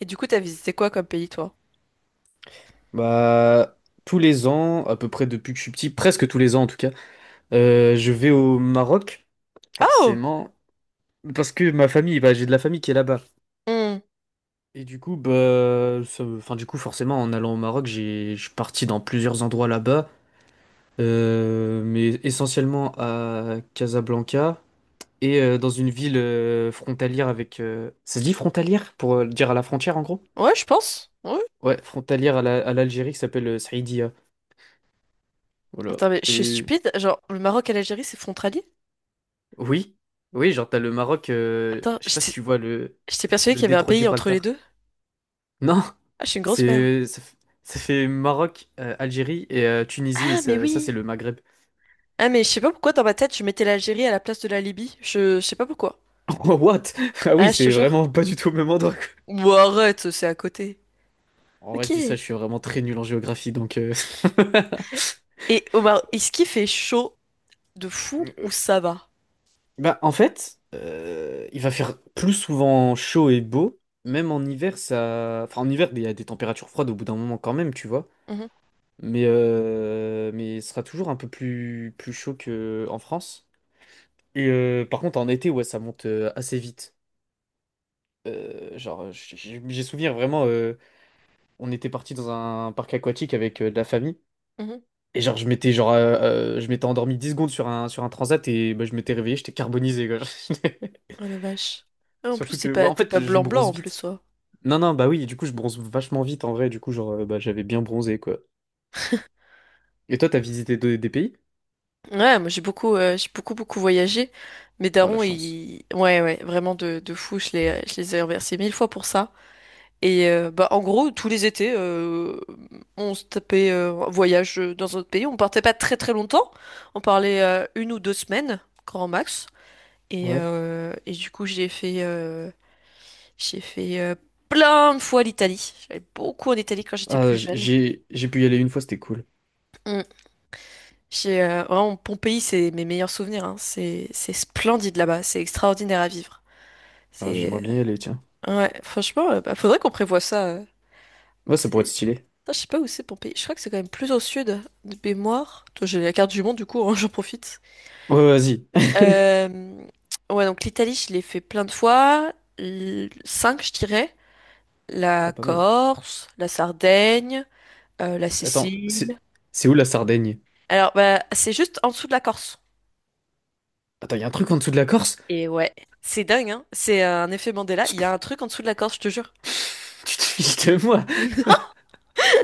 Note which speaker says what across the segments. Speaker 1: Et du coup, t'as visité quoi comme pays, toi?
Speaker 2: Bah, Tous les ans, à peu près depuis que je suis petit, presque tous les ans en tout cas, je vais au Maroc,
Speaker 1: Ah, oh!
Speaker 2: forcément, parce que ma famille, j'ai de la famille qui est là-bas.
Speaker 1: Hmm.
Speaker 2: Et du coup, du coup, forcément, en allant au Maroc, je suis parti dans plusieurs endroits là-bas, mais essentiellement à Casablanca et dans une ville frontalière avec, ça se dit frontalière pour dire à la frontière en gros?
Speaker 1: Ouais, je pense. Ouais.
Speaker 2: Ouais, frontalière à l'Algérie qui s'appelle Saïdia. Voilà.
Speaker 1: Attends, mais je suis
Speaker 2: Et
Speaker 1: stupide. Genre, le Maroc et l'Algérie, c'est frontalier?
Speaker 2: oui, oui, genre t'as le Maroc,
Speaker 1: Attends,
Speaker 2: je sais pas si
Speaker 1: j'étais
Speaker 2: tu vois
Speaker 1: j'étais persuadée
Speaker 2: le
Speaker 1: qu'il y avait un
Speaker 2: détroit de
Speaker 1: pays entre les
Speaker 2: Gibraltar.
Speaker 1: deux.
Speaker 2: Non,
Speaker 1: Ah, je suis une grosse merde.
Speaker 2: c'est ça, ça fait Maroc, Algérie et Tunisie, et
Speaker 1: Ah, mais
Speaker 2: ça, c'est
Speaker 1: oui!
Speaker 2: le Maghreb.
Speaker 1: Ah, mais je sais pas pourquoi dans ma tête, je mettais l'Algérie à la place de la Libye. Je sais pas pourquoi.
Speaker 2: Oh, what? Ah oui,
Speaker 1: Ah, je te
Speaker 2: c'est
Speaker 1: jure.
Speaker 2: vraiment pas du tout au même endroit, quoi.
Speaker 1: Ou arrête, c'est à côté.
Speaker 2: En vrai,
Speaker 1: Ok.
Speaker 2: je dis ça, je suis vraiment très nul en géographie, donc.
Speaker 1: Et au Maroc, est-ce qu'il fait chaud de fou ou
Speaker 2: Euh,
Speaker 1: ça va?
Speaker 2: Bah, en fait, il va faire plus souvent chaud et beau, même en hiver, ça... Enfin, en hiver, il y a des températures froides au bout d'un moment quand même, tu vois.
Speaker 1: Mhm,
Speaker 2: Mais, mais ce sera toujours un peu plus chaud qu'en France. Et par contre, en été, ouais, ça monte assez vite. J'ai souvenir vraiment, on était parti dans un parc aquatique avec de la famille.
Speaker 1: mhm.
Speaker 2: Et genre, je m'étais endormi 10 secondes sur un transat et bah, je m'étais réveillé, j'étais carbonisé, quoi.
Speaker 1: Oh la vache. Ah, en plus,
Speaker 2: Surtout
Speaker 1: c'est
Speaker 2: que, ouais,
Speaker 1: pas,
Speaker 2: en
Speaker 1: t'es pas
Speaker 2: fait, je
Speaker 1: blanc-blanc
Speaker 2: bronze
Speaker 1: en
Speaker 2: vite.
Speaker 1: plus, ouais.
Speaker 2: Non, non, bah oui, du coup, je bronze vachement vite en vrai. Du coup, genre, bah, j'avais bien bronzé, quoi. Et toi, t'as visité des pays?
Speaker 1: Ouais, moi j'ai beaucoup beaucoup voyagé. Mes
Speaker 2: Ah, la
Speaker 1: darons,
Speaker 2: chance.
Speaker 1: ils, ouais ouais, vraiment de fou. Je les ai remerciés mille fois pour ça. Et bah en gros, tous les étés, on se tapait un voyage dans un autre pays. On partait pas très très longtemps. On parlait une ou deux semaines, grand max.
Speaker 2: Ouais.
Speaker 1: Et du coup, j'ai fait plein de fois l'Italie. J'allais beaucoup en Italie quand j'étais
Speaker 2: Ah,
Speaker 1: plus jeune.
Speaker 2: j'ai pu y aller une fois, c'était cool.
Speaker 1: Mm. Vraiment, Pompéi, c'est mes meilleurs souvenirs. Hein. C'est splendide là-bas. C'est extraordinaire à vivre.
Speaker 2: Ah,
Speaker 1: C'est,
Speaker 2: j'aimerais bien y aller, tiens.
Speaker 1: ouais, franchement, bah, faudrait qu'on prévoie ça.
Speaker 2: Ouais, ça pourrait être
Speaker 1: C'est-
Speaker 2: stylé.
Speaker 1: Putain, je sais pas où c'est Pompéi. Je crois que c'est quand même plus au sud de mémoire. Toi, j'ai la carte du monde, du coup, hein, j'en profite.
Speaker 2: Ouais, ouais, vas-y.
Speaker 1: Euh, ouais, donc l'Italie, je l'ai fait plein de fois. Cinq, je dirais. La
Speaker 2: Ah, pas mal.
Speaker 1: Corse, la Sardaigne, la
Speaker 2: Attends,
Speaker 1: Sicile.
Speaker 2: c'est où la Sardaigne?
Speaker 1: Alors, bah, c'est juste en dessous de la Corse.
Speaker 2: Attends, il y a un truc en dessous de la Corse?
Speaker 1: Et ouais, c'est dingue, hein. C'est un effet Mandela.
Speaker 2: Tu
Speaker 1: Il
Speaker 2: te
Speaker 1: y a un truc en dessous de la Corse, je te jure.
Speaker 2: tu te fiches de moi?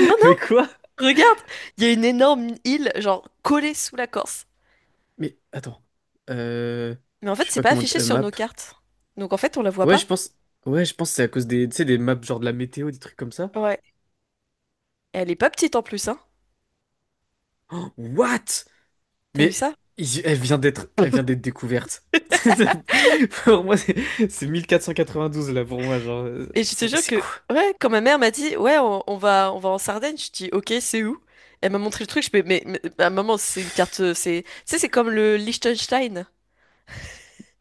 Speaker 1: Non,
Speaker 2: Mais quoi?
Speaker 1: non, regarde, il y a une énorme île, genre collée sous la Corse.
Speaker 2: Mais attends. Euh...
Speaker 1: Mais en
Speaker 2: Je
Speaker 1: fait,
Speaker 2: sais
Speaker 1: c'est
Speaker 2: pas
Speaker 1: pas
Speaker 2: comment dire,
Speaker 1: affiché sur
Speaker 2: map.
Speaker 1: nos cartes. Donc en fait, on la voit
Speaker 2: Ouais, je
Speaker 1: pas.
Speaker 2: pense. Ouais, je pense que c'est à cause des, tu sais, des maps genre de la météo, des trucs comme ça.
Speaker 1: Ouais. Et elle est pas petite en plus, hein.
Speaker 2: What?
Speaker 1: T'as vu
Speaker 2: Mais
Speaker 1: ça?
Speaker 2: elle vient d'être découverte. Pour moi, c'est 12 là pour moi, genre.
Speaker 1: Et je te
Speaker 2: C'est
Speaker 1: jure
Speaker 2: c'est
Speaker 1: que,
Speaker 2: quoi?
Speaker 1: ouais, quand ma mère m'a dit, ouais, on va en Sardaigne, je dis, ok, c'est où? Elle m'a montré le truc, je fais, mais bah, maman, c'est une carte, tu sais, c'est comme le Liechtenstein.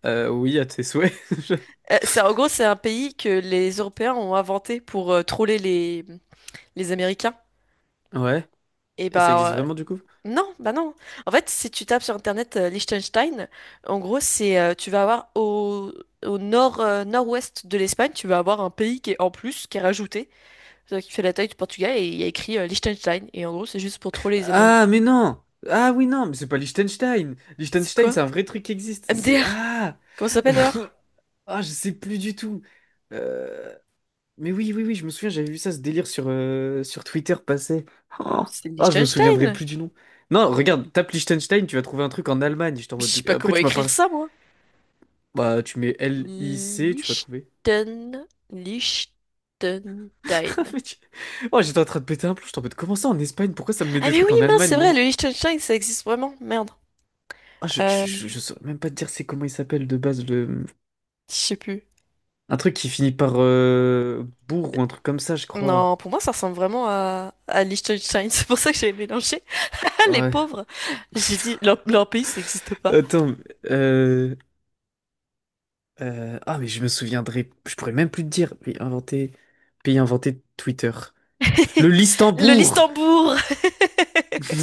Speaker 2: Oui, à tes souhaits.
Speaker 1: En gros, c'est un pays que les Européens ont inventé pour troller les, Américains.
Speaker 2: Ouais.
Speaker 1: Et
Speaker 2: Et ça existe
Speaker 1: bah
Speaker 2: vraiment du coup?
Speaker 1: non, bah non. En fait, si tu tapes sur internet Liechtenstein, en gros, c'est tu vas avoir au nord nord-ouest de l'Espagne, tu vas avoir un pays qui est en plus, qui est rajouté, qui fait la taille du Portugal et il y a écrit Liechtenstein. Et en gros, c'est juste pour troller les Américains.
Speaker 2: Ah, mais non! Ah oui, non, mais c'est pas Liechtenstein!
Speaker 1: C'est
Speaker 2: Liechtenstein,
Speaker 1: quoi?
Speaker 2: c'est un vrai truc qui existe. C'est.
Speaker 1: MDR?
Speaker 2: Ah!
Speaker 1: Comment ça s'appelle alors?
Speaker 2: Ah, je sais plus du tout. Euh, Mais oui, oui, oui, je me souviens, j'avais vu ça, ce délire sur, sur Twitter passer. Oh,
Speaker 1: C'est
Speaker 2: ah, je me souviendrai
Speaker 1: Liechtenstein.
Speaker 2: plus du nom. Non, regarde, tape Liechtenstein, tu vas trouver un truc en Allemagne. J'étais en
Speaker 1: Je sais
Speaker 2: mode...
Speaker 1: pas
Speaker 2: Après,
Speaker 1: comment
Speaker 2: tu m'as
Speaker 1: écrire
Speaker 2: parlé...
Speaker 1: ça, moi.
Speaker 2: Bah, tu mets LIC, tu vas trouver.
Speaker 1: Liechtenstein.
Speaker 2: Mais tu- Oh, j'étais en train de péter un plomb, j'étais en mode, comment ça en Espagne? Pourquoi ça me met
Speaker 1: Ah
Speaker 2: des
Speaker 1: mais oui,
Speaker 2: trucs en
Speaker 1: mince,
Speaker 2: Allemagne,
Speaker 1: c'est vrai,
Speaker 2: moi?
Speaker 1: le Liechtenstein, ça existe vraiment. Merde.
Speaker 2: Ah,
Speaker 1: Euh,
Speaker 2: je saurais même pas te dire c'est comment il s'appelle de base, le...
Speaker 1: Je sais plus.
Speaker 2: Un truc qui finit par bourg ou un truc comme ça, je crois.
Speaker 1: Non, pour moi, ça ressemble vraiment à Liechtenstein. C'est pour ça que j'ai mélangé. Ah, les
Speaker 2: Ouais.
Speaker 1: pauvres. J'ai dit, leur pays, ça n'existe pas.
Speaker 2: Attends, euh... ah, mais je me souviendrai. Je pourrais même plus te dire. Pays inventé. Pays inventé de Twitter. Le
Speaker 1: Le
Speaker 2: Listembourg!
Speaker 1: Listembourg!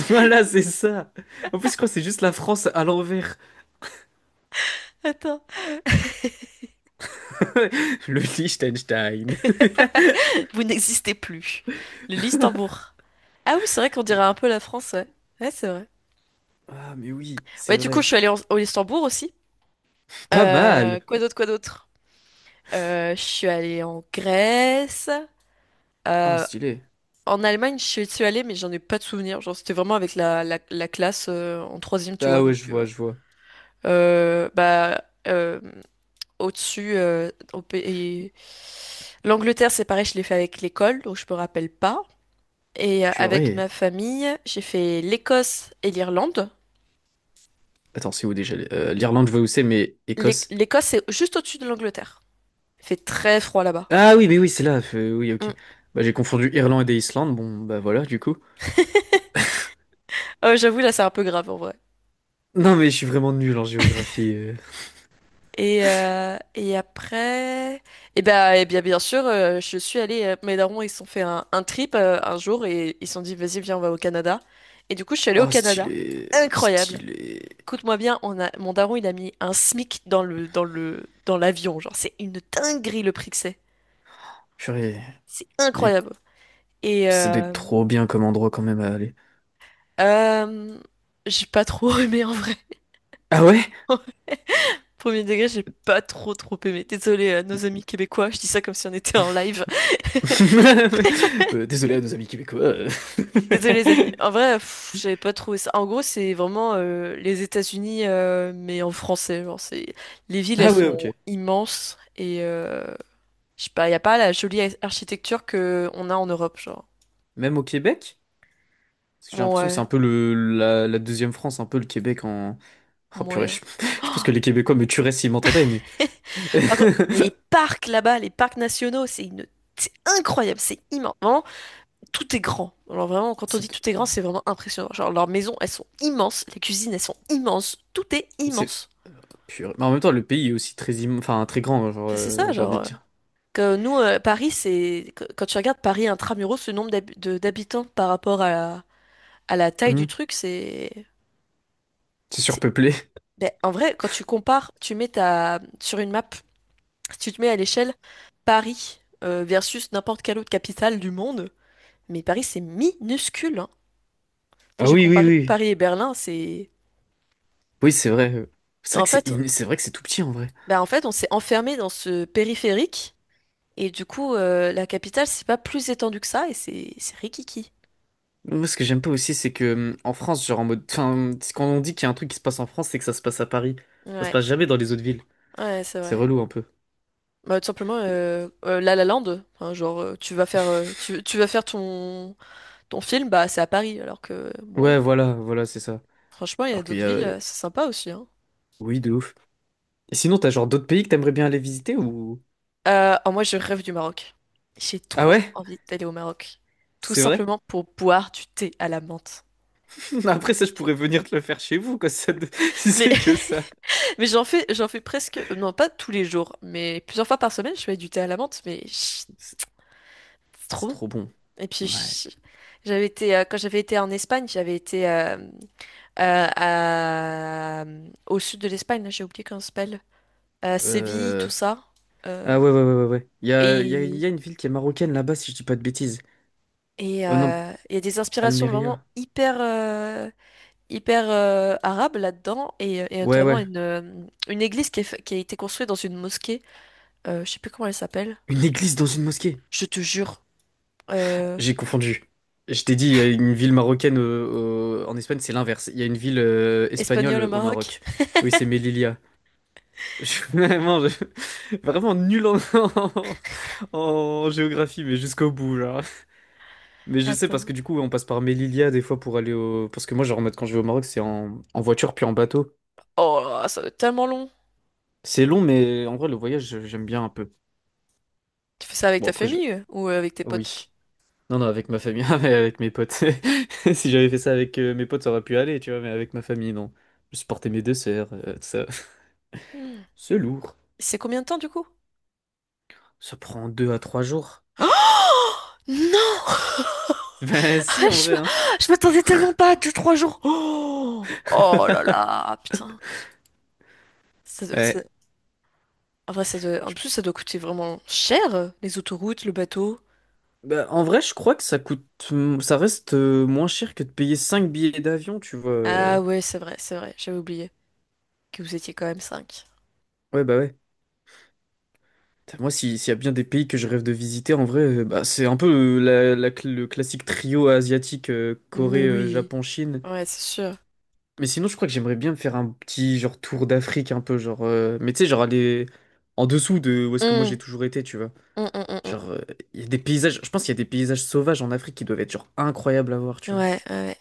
Speaker 2: Voilà, c'est ça! En plus, je crois que c'est juste la France à l'envers.
Speaker 1: Attends,
Speaker 2: Le Liechtenstein.
Speaker 1: vous n'existez plus. Le Listembourg. Ah oui, c'est vrai qu'on dirait un peu la France, ouais. Ouais, c'est vrai.
Speaker 2: Ah, mais oui,
Speaker 1: Ouais,
Speaker 2: c'est
Speaker 1: du coup, je
Speaker 2: vrai.
Speaker 1: suis allée au Listembourg aussi.
Speaker 2: Pas
Speaker 1: Euh,
Speaker 2: mal!
Speaker 1: quoi d'autre, quoi d'autre? Je suis allée en Grèce.
Speaker 2: Ah,
Speaker 1: Euh,
Speaker 2: stylé.
Speaker 1: en Allemagne, je suis allée, mais j'en ai pas de souvenir. Genre, c'était vraiment avec la classe en troisième, tu vois,
Speaker 2: Ah ouais, je
Speaker 1: donc...
Speaker 2: vois, je vois.
Speaker 1: Euh, bah, euh, au-dessus, euh, au pays- L'Angleterre, c'est pareil, je l'ai fait avec l'école, donc je me rappelle pas. Et avec ma
Speaker 2: Purée.
Speaker 1: famille, j'ai fait l'Écosse et l'Irlande.
Speaker 2: Attends, c'est où déjà? l'Irlande, je vois où c'est, mais Écosse.
Speaker 1: L'Écosse, c'est juste au-dessus de l'Angleterre. Il fait très froid là-bas.
Speaker 2: Ah oui, mais oui, c'est là. Oui,
Speaker 1: Mm.
Speaker 2: ok. Bah, j'ai confondu Irlande et Islande. Bon, bah voilà, du coup.
Speaker 1: Oh, j'avoue, là, c'est un peu grave en vrai.
Speaker 2: Non, mais je suis vraiment nul en géographie.
Speaker 1: Et après, eh bien, bien sûr, je suis allée. Mes darons, ils se sont fait un trip un jour et ils se sont dit, vas-y, viens, on va au Canada. Et du coup, je suis allée au
Speaker 2: Oh,
Speaker 1: Canada.
Speaker 2: stylé,
Speaker 1: Incroyable.
Speaker 2: stylé.
Speaker 1: Écoute-moi bien, on a, mon daron, il a mis un SMIC dans l'avion. Genre, c'est une dinguerie le prix que c'est.
Speaker 2: Purée,
Speaker 1: C'est
Speaker 2: mais
Speaker 1: incroyable. Et
Speaker 2: c'était
Speaker 1: euh,
Speaker 2: trop bien comme endroit quand même à aller.
Speaker 1: euh, j'ai pas trop aimé en vrai.
Speaker 2: Ah ouais?
Speaker 1: Premier degré, j'ai pas trop trop aimé. Désolé à nos amis québécois, je dis ça comme si on était en live.
Speaker 2: Désolé à nos amis québécois.
Speaker 1: Désolé les amis. En vrai, pff, j'avais pas trouvé ça. En gros, c'est vraiment les États-Unis, mais en français. Genre, c'est les villes, elles
Speaker 2: Ah ouais, ok.
Speaker 1: sont immenses et je sais pas, y a pas la jolie architecture que on a en Europe, genre.
Speaker 2: Même au Québec? Parce que j'ai l'impression que c'est
Speaker 1: Ouais,
Speaker 2: un peu la deuxième France, un peu le Québec en... Oh purée,
Speaker 1: moyen.
Speaker 2: je pense que les Québécois me tueraient s'ils m'entendaient, mais...
Speaker 1: Par contre, les parcs là-bas, les parcs nationaux, c'est incroyable, c'est immense. Vraiment, tout est grand. Alors vraiment, quand on
Speaker 2: Ça
Speaker 1: dit
Speaker 2: te-
Speaker 1: tout est grand, c'est vraiment impressionnant. Genre, leurs maisons, elles sont immenses, les cuisines, elles sont immenses, tout est
Speaker 2: C'est...
Speaker 1: immense.
Speaker 2: Purée. Mais en même temps, le pays est aussi très grand, genre,
Speaker 1: Enfin, c'est ça,
Speaker 2: j'ai
Speaker 1: genre...
Speaker 2: envie de dire.
Speaker 1: Que nous, Paris, c'est... Quand tu regardes Paris intramuros, ce nombre d'habitants par rapport à la taille
Speaker 2: Hmm.
Speaker 1: du truc,
Speaker 2: C'est
Speaker 1: c'est-
Speaker 2: surpeuplé.
Speaker 1: Ben, en vrai, quand tu compares, tu mets sur une map. Si tu te mets à l'échelle Paris versus n'importe quelle autre capitale du monde, mais Paris c'est minuscule. Hein. Ça,
Speaker 2: Ah
Speaker 1: j'ai
Speaker 2: oui, oui,
Speaker 1: comparé
Speaker 2: oui.
Speaker 1: Paris et Berlin.
Speaker 2: Oui, c'est vrai. C'est vrai
Speaker 1: En fait,
Speaker 2: c'est vrai que c'est tout petit en vrai.
Speaker 1: bah, en fait on s'est enfermé dans ce périphérique et du coup la capitale c'est pas plus étendu que ça et c'est rikiki.
Speaker 2: Moi, ce que j'aime pas aussi, c'est que en France, genre en mode, enfin, c'est quand on dit qu'il y a un truc qui se passe en France, c'est que ça se passe à Paris. Ça se
Speaker 1: Ouais,
Speaker 2: passe jamais dans les autres villes.
Speaker 1: ouais c'est
Speaker 2: C'est
Speaker 1: vrai.
Speaker 2: relou un peu.
Speaker 1: Bah, tout simplement
Speaker 2: Et-
Speaker 1: La La Land, enfin, genre tu vas faire euh, tu, tu vas faire ton film bah c'est à Paris alors que bon
Speaker 2: Ouais, voilà, voilà, c'est ça.
Speaker 1: franchement il y a
Speaker 2: Alors qu'il y
Speaker 1: d'autres
Speaker 2: a,
Speaker 1: villes c'est sympa aussi. Hein.
Speaker 2: oui, de ouf. Et sinon, t'as genre d'autres pays que t'aimerais bien aller visiter ou?
Speaker 1: Oh, moi, je rêve du Maroc. J'ai
Speaker 2: Ah
Speaker 1: trop
Speaker 2: ouais?
Speaker 1: envie d'aller au Maroc. Tout
Speaker 2: C'est vrai?
Speaker 1: simplement pour boire du thé à la menthe.
Speaker 2: Après ça, je pourrais venir te le faire chez vous, quoi. Ça, de- si
Speaker 1: Mais,
Speaker 2: c'est que ça.
Speaker 1: mais j'en fais presque, non pas tous les jours, mais plusieurs fois par semaine, je fais du thé à la menthe, mais chut,
Speaker 2: C'est
Speaker 1: c'est trop
Speaker 2: c'est
Speaker 1: bon.
Speaker 2: trop bon.
Speaker 1: Et puis,
Speaker 2: Ouais.
Speaker 1: chut, quand j'avais été en Espagne, euh, à- au sud de l'Espagne, là, j'ai oublié comment ça s'appelle. Séville,
Speaker 2: Euh...
Speaker 1: tout ça. Euh,
Speaker 2: Ah ouais, ouais, ouais, ouais, ouais. Il y a, il y a il
Speaker 1: et
Speaker 2: y a une ville qui est marocaine là-bas, si je dis pas de bêtises.
Speaker 1: et
Speaker 2: Oh non,
Speaker 1: euh, il y a des inspirations vraiment
Speaker 2: Almeria.
Speaker 1: hyper arabe là-dedans et
Speaker 2: Ouais,
Speaker 1: notamment
Speaker 2: ouais.
Speaker 1: une église qui a été construite dans une mosquée. Je sais plus comment elle s'appelle.
Speaker 2: Une église dans une mosquée.
Speaker 1: Je te jure. Euh,
Speaker 2: J'ai confondu. Je t'ai dit, il y a une ville marocaine en Espagne, c'est l'inverse. Il y a une ville espagnole
Speaker 1: espagnole au
Speaker 2: au
Speaker 1: Maroc.
Speaker 2: Maroc. Oui, c'est Melilla. Je suis vraiment, je- vraiment nul en... en géographie, mais jusqu'au bout, là. Mais je sais parce
Speaker 1: Attends.
Speaker 2: que du coup, on passe par Melilla des fois pour aller au... Parce que moi, genre, en mode, quand je vais au Maroc, c'est en... en voiture puis en bateau.
Speaker 1: Oh, là là, ça doit être tellement long.
Speaker 2: C'est long, mais en vrai, le voyage, j'aime bien un peu.
Speaker 1: Tu fais ça avec
Speaker 2: Bon,
Speaker 1: ta
Speaker 2: après, je...
Speaker 1: famille ou avec tes potes?
Speaker 2: Oui. Non, non, avec ma famille, ah, mais avec mes potes. Si j'avais fait ça avec mes potes, ça aurait pu aller, tu vois, mais avec ma famille, non. Je supportais mes deux sœurs, tout ça.
Speaker 1: Hmm.
Speaker 2: C'est lourd.
Speaker 1: C'est combien de temps du coup?
Speaker 2: Ça prend 2 à 3 jours.
Speaker 1: Non!
Speaker 2: Ben si, en
Speaker 1: Je
Speaker 2: vrai,
Speaker 1: m'a-
Speaker 2: hein.
Speaker 1: je m'attendais tellement pas à 2-3 jours. Oh, oh là là, putain. Ça doit- ça-
Speaker 2: Ouais.
Speaker 1: En vrai, en
Speaker 2: Je-
Speaker 1: plus, ça doit coûter vraiment cher, les autoroutes, le bateau.
Speaker 2: ben, en vrai, je crois que ça coûte... ça reste moins cher que de payer cinq billets d'avion, tu vois.
Speaker 1: Ah
Speaker 2: euh.
Speaker 1: ouais, c'est vrai, j'avais oublié. Que vous étiez quand même cinq.
Speaker 2: Ouais, bah ouais. Putain, moi, si- s'il y a bien des pays que je rêve de visiter, en vrai, bah, c'est un peu le classique trio asiatique,
Speaker 1: Mais
Speaker 2: Corée,
Speaker 1: oui,
Speaker 2: Japon, Chine.
Speaker 1: ouais, c'est sûr.
Speaker 2: Mais sinon, je crois que j'aimerais bien me faire un petit genre tour d'Afrique un peu, genre, mais tu sais, genre aller en dessous de où est-ce que moi j'ai
Speaker 1: Hum,
Speaker 2: toujours été, tu vois.
Speaker 1: hum, hum, hum, hum.
Speaker 2: Genre, il y a des paysages. Je pense qu'il y a des paysages sauvages en Afrique qui doivent être genre incroyables à voir,
Speaker 1: Ouais,
Speaker 2: tu vois.
Speaker 1: ouais.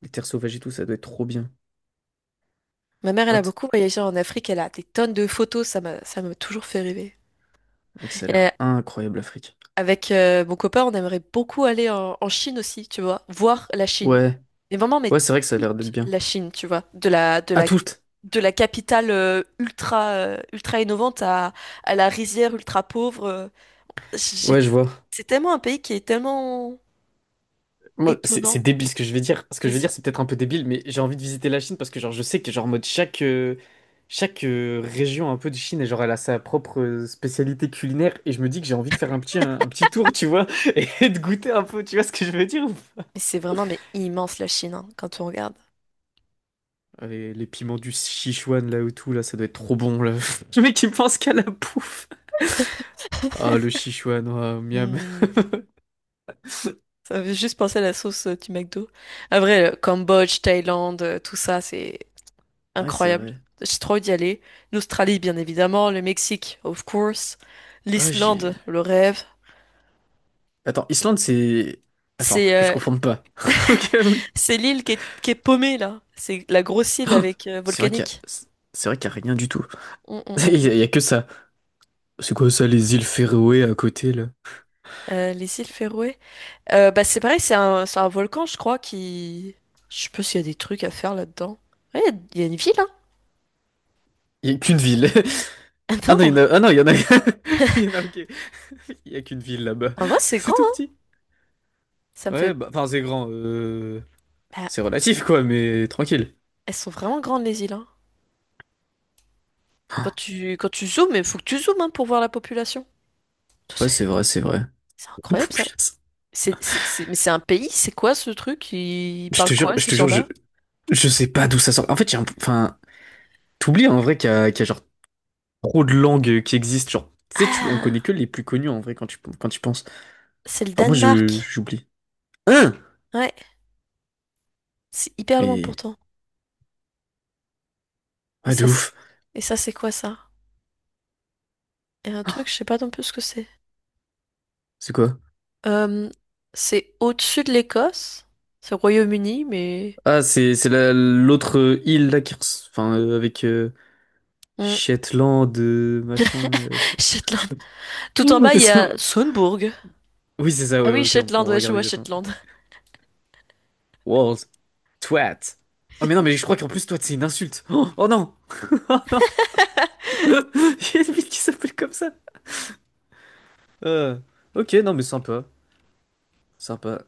Speaker 2: Les terres sauvages et tout, ça doit être trop bien.
Speaker 1: Ma mère, elle a
Speaker 2: What?
Speaker 1: beaucoup voyagé en Afrique, elle a des tonnes de photos, ça m'a toujours fait rêver.
Speaker 2: Mec, ça a
Speaker 1: Et
Speaker 2: l'air incroyable l'Afrique.
Speaker 1: avec mon copain, on aimerait beaucoup aller en Chine aussi, tu vois, voir la Chine.
Speaker 2: Ouais,
Speaker 1: Mais vraiment, mais
Speaker 2: ouais, c'est vrai que ça a l'air d'être
Speaker 1: toute
Speaker 2: bien.
Speaker 1: la Chine, tu vois, de la, de
Speaker 2: À
Speaker 1: la,
Speaker 2: toutes.
Speaker 1: de la capitale ultra innovante à la rizière ultra pauvre.
Speaker 2: Ouais,
Speaker 1: j'ai-
Speaker 2: je vois.
Speaker 1: c'est tellement un pays qui est tellement
Speaker 2: Moi, c'est
Speaker 1: étonnant.
Speaker 2: débile ce que je vais dire. Ce que je vais
Speaker 1: Vas-y.
Speaker 2: dire, c'est peut-être un peu débile, mais j'ai envie de visiter la Chine parce que genre je sais que genre en mode chaque région un peu de Chine et genre elle a sa propre spécialité culinaire et je me dis que j'ai envie de faire un petit un petit tour, tu vois, et de goûter un peu, tu vois ce que je veux dire? Ou
Speaker 1: Mais c'est vraiment mais immense la Chine hein, quand on regarde.
Speaker 2: pas. Les piments du Sichuan là ou tout là, ça doit être trop bon là. Le mec qui pense qu'à la bouffe. Ah le Sichuan, oh, miam.
Speaker 1: Hmm, Ça me fait juste penser à la sauce du McDo. À vrai, le Cambodge, Thaïlande, tout ça, c'est
Speaker 2: Ouais, c'est
Speaker 1: incroyable.
Speaker 2: vrai.
Speaker 1: J'ai trop envie d'y aller. L'Australie, bien évidemment, le Mexique, of course.
Speaker 2: Ouais, j'ai.
Speaker 1: L'Islande, le rêve.
Speaker 2: Attends, Islande, c'est. Attends,
Speaker 1: C'est
Speaker 2: que je
Speaker 1: euh,
Speaker 2: confonde pas. Ok, oui.
Speaker 1: c'est l'île qui est paumée là. C'est la grosse île avec
Speaker 2: C'est vrai qu'il y a...
Speaker 1: volcanique.
Speaker 2: C'est vrai qu'il y a rien du tout.
Speaker 1: Hum, hum, hum,
Speaker 2: Il y
Speaker 1: hum.
Speaker 2: a, il y a que ça. C'est quoi ça, les îles Féroé à côté, là?
Speaker 1: Les îles Féroé. Bah c'est pareil, c'est un volcan, je crois, qui. Je sais pas s'il y a des trucs à faire là-dedans. Ouais, il y a une ville, hein.
Speaker 2: Il y a qu'une ville. Ah
Speaker 1: Ah
Speaker 2: non, il y en
Speaker 1: non,
Speaker 2: a... Ah non, il y en a... Il y en a, ok. Il y a qu'une ville là-bas.
Speaker 1: en vrai, c'est grand,
Speaker 2: C'est tout
Speaker 1: hein.
Speaker 2: petit.
Speaker 1: Ça me
Speaker 2: Ouais,
Speaker 1: fait...
Speaker 2: bah, enfin, c'est grand,
Speaker 1: Bah,
Speaker 2: c'est relatif, quoi, mais tranquille.
Speaker 1: elles sont vraiment grandes, les îles, hein. Quand
Speaker 2: Ah,
Speaker 1: tu, quand tu zoomes, il faut que tu zoomes, hein, pour voir la population.
Speaker 2: ouais,
Speaker 1: C'est
Speaker 2: c'est vrai, c'est vrai.
Speaker 1: c'est incroyable, ça.
Speaker 2: Putain,
Speaker 1: Mais c'est un pays, c'est quoi ce truc? Ils
Speaker 2: je
Speaker 1: parlent
Speaker 2: te jure,
Speaker 1: quoi,
Speaker 2: je
Speaker 1: ces
Speaker 2: te jure,
Speaker 1: gens-là?
Speaker 2: je sais pas d'où ça sort. En fait, j'ai un... Enfin, t'oublies, en vrai, qu'il y a genre trop de langues qui existent. Genre, tu sais, tu... on connaît
Speaker 1: Ah,
Speaker 2: que les plus connues, en vrai, quand tu penses.
Speaker 1: c'est le
Speaker 2: Enfin, moi,
Speaker 1: Danemark.
Speaker 2: j'oublie. Hein.
Speaker 1: Ouais, c'est hyper loin
Speaker 2: Mais
Speaker 1: pourtant. Et
Speaker 2: ah de
Speaker 1: ça, c'est...
Speaker 2: ouf.
Speaker 1: Et ça, c'est quoi, ça? Et un truc, je sais pas non plus ce que c'est.
Speaker 2: C'est quoi?
Speaker 1: Euh, c'est au-dessus de l'Écosse. C'est au Royaume-Uni.
Speaker 2: Ah c'est la- l'autre île là qui res- enfin avec
Speaker 1: Hmm.
Speaker 2: Shetland machin,
Speaker 1: Shetland. Tout en bas, il y
Speaker 2: C'est bon.
Speaker 1: a Sundburg.
Speaker 2: Oui c'est ça
Speaker 1: Ah
Speaker 2: ouais
Speaker 1: oui,
Speaker 2: ok
Speaker 1: Shetland,
Speaker 2: on
Speaker 1: ouais, je
Speaker 2: regarde
Speaker 1: vois
Speaker 2: exactement.
Speaker 1: Shetland.
Speaker 2: World twat. Ah mais non mais je crois qu'en plus twat c'est une insulte. Oh, oh non. Il y a une ville qui s'appelle comme ça. Euh, ok non mais sympa sympa.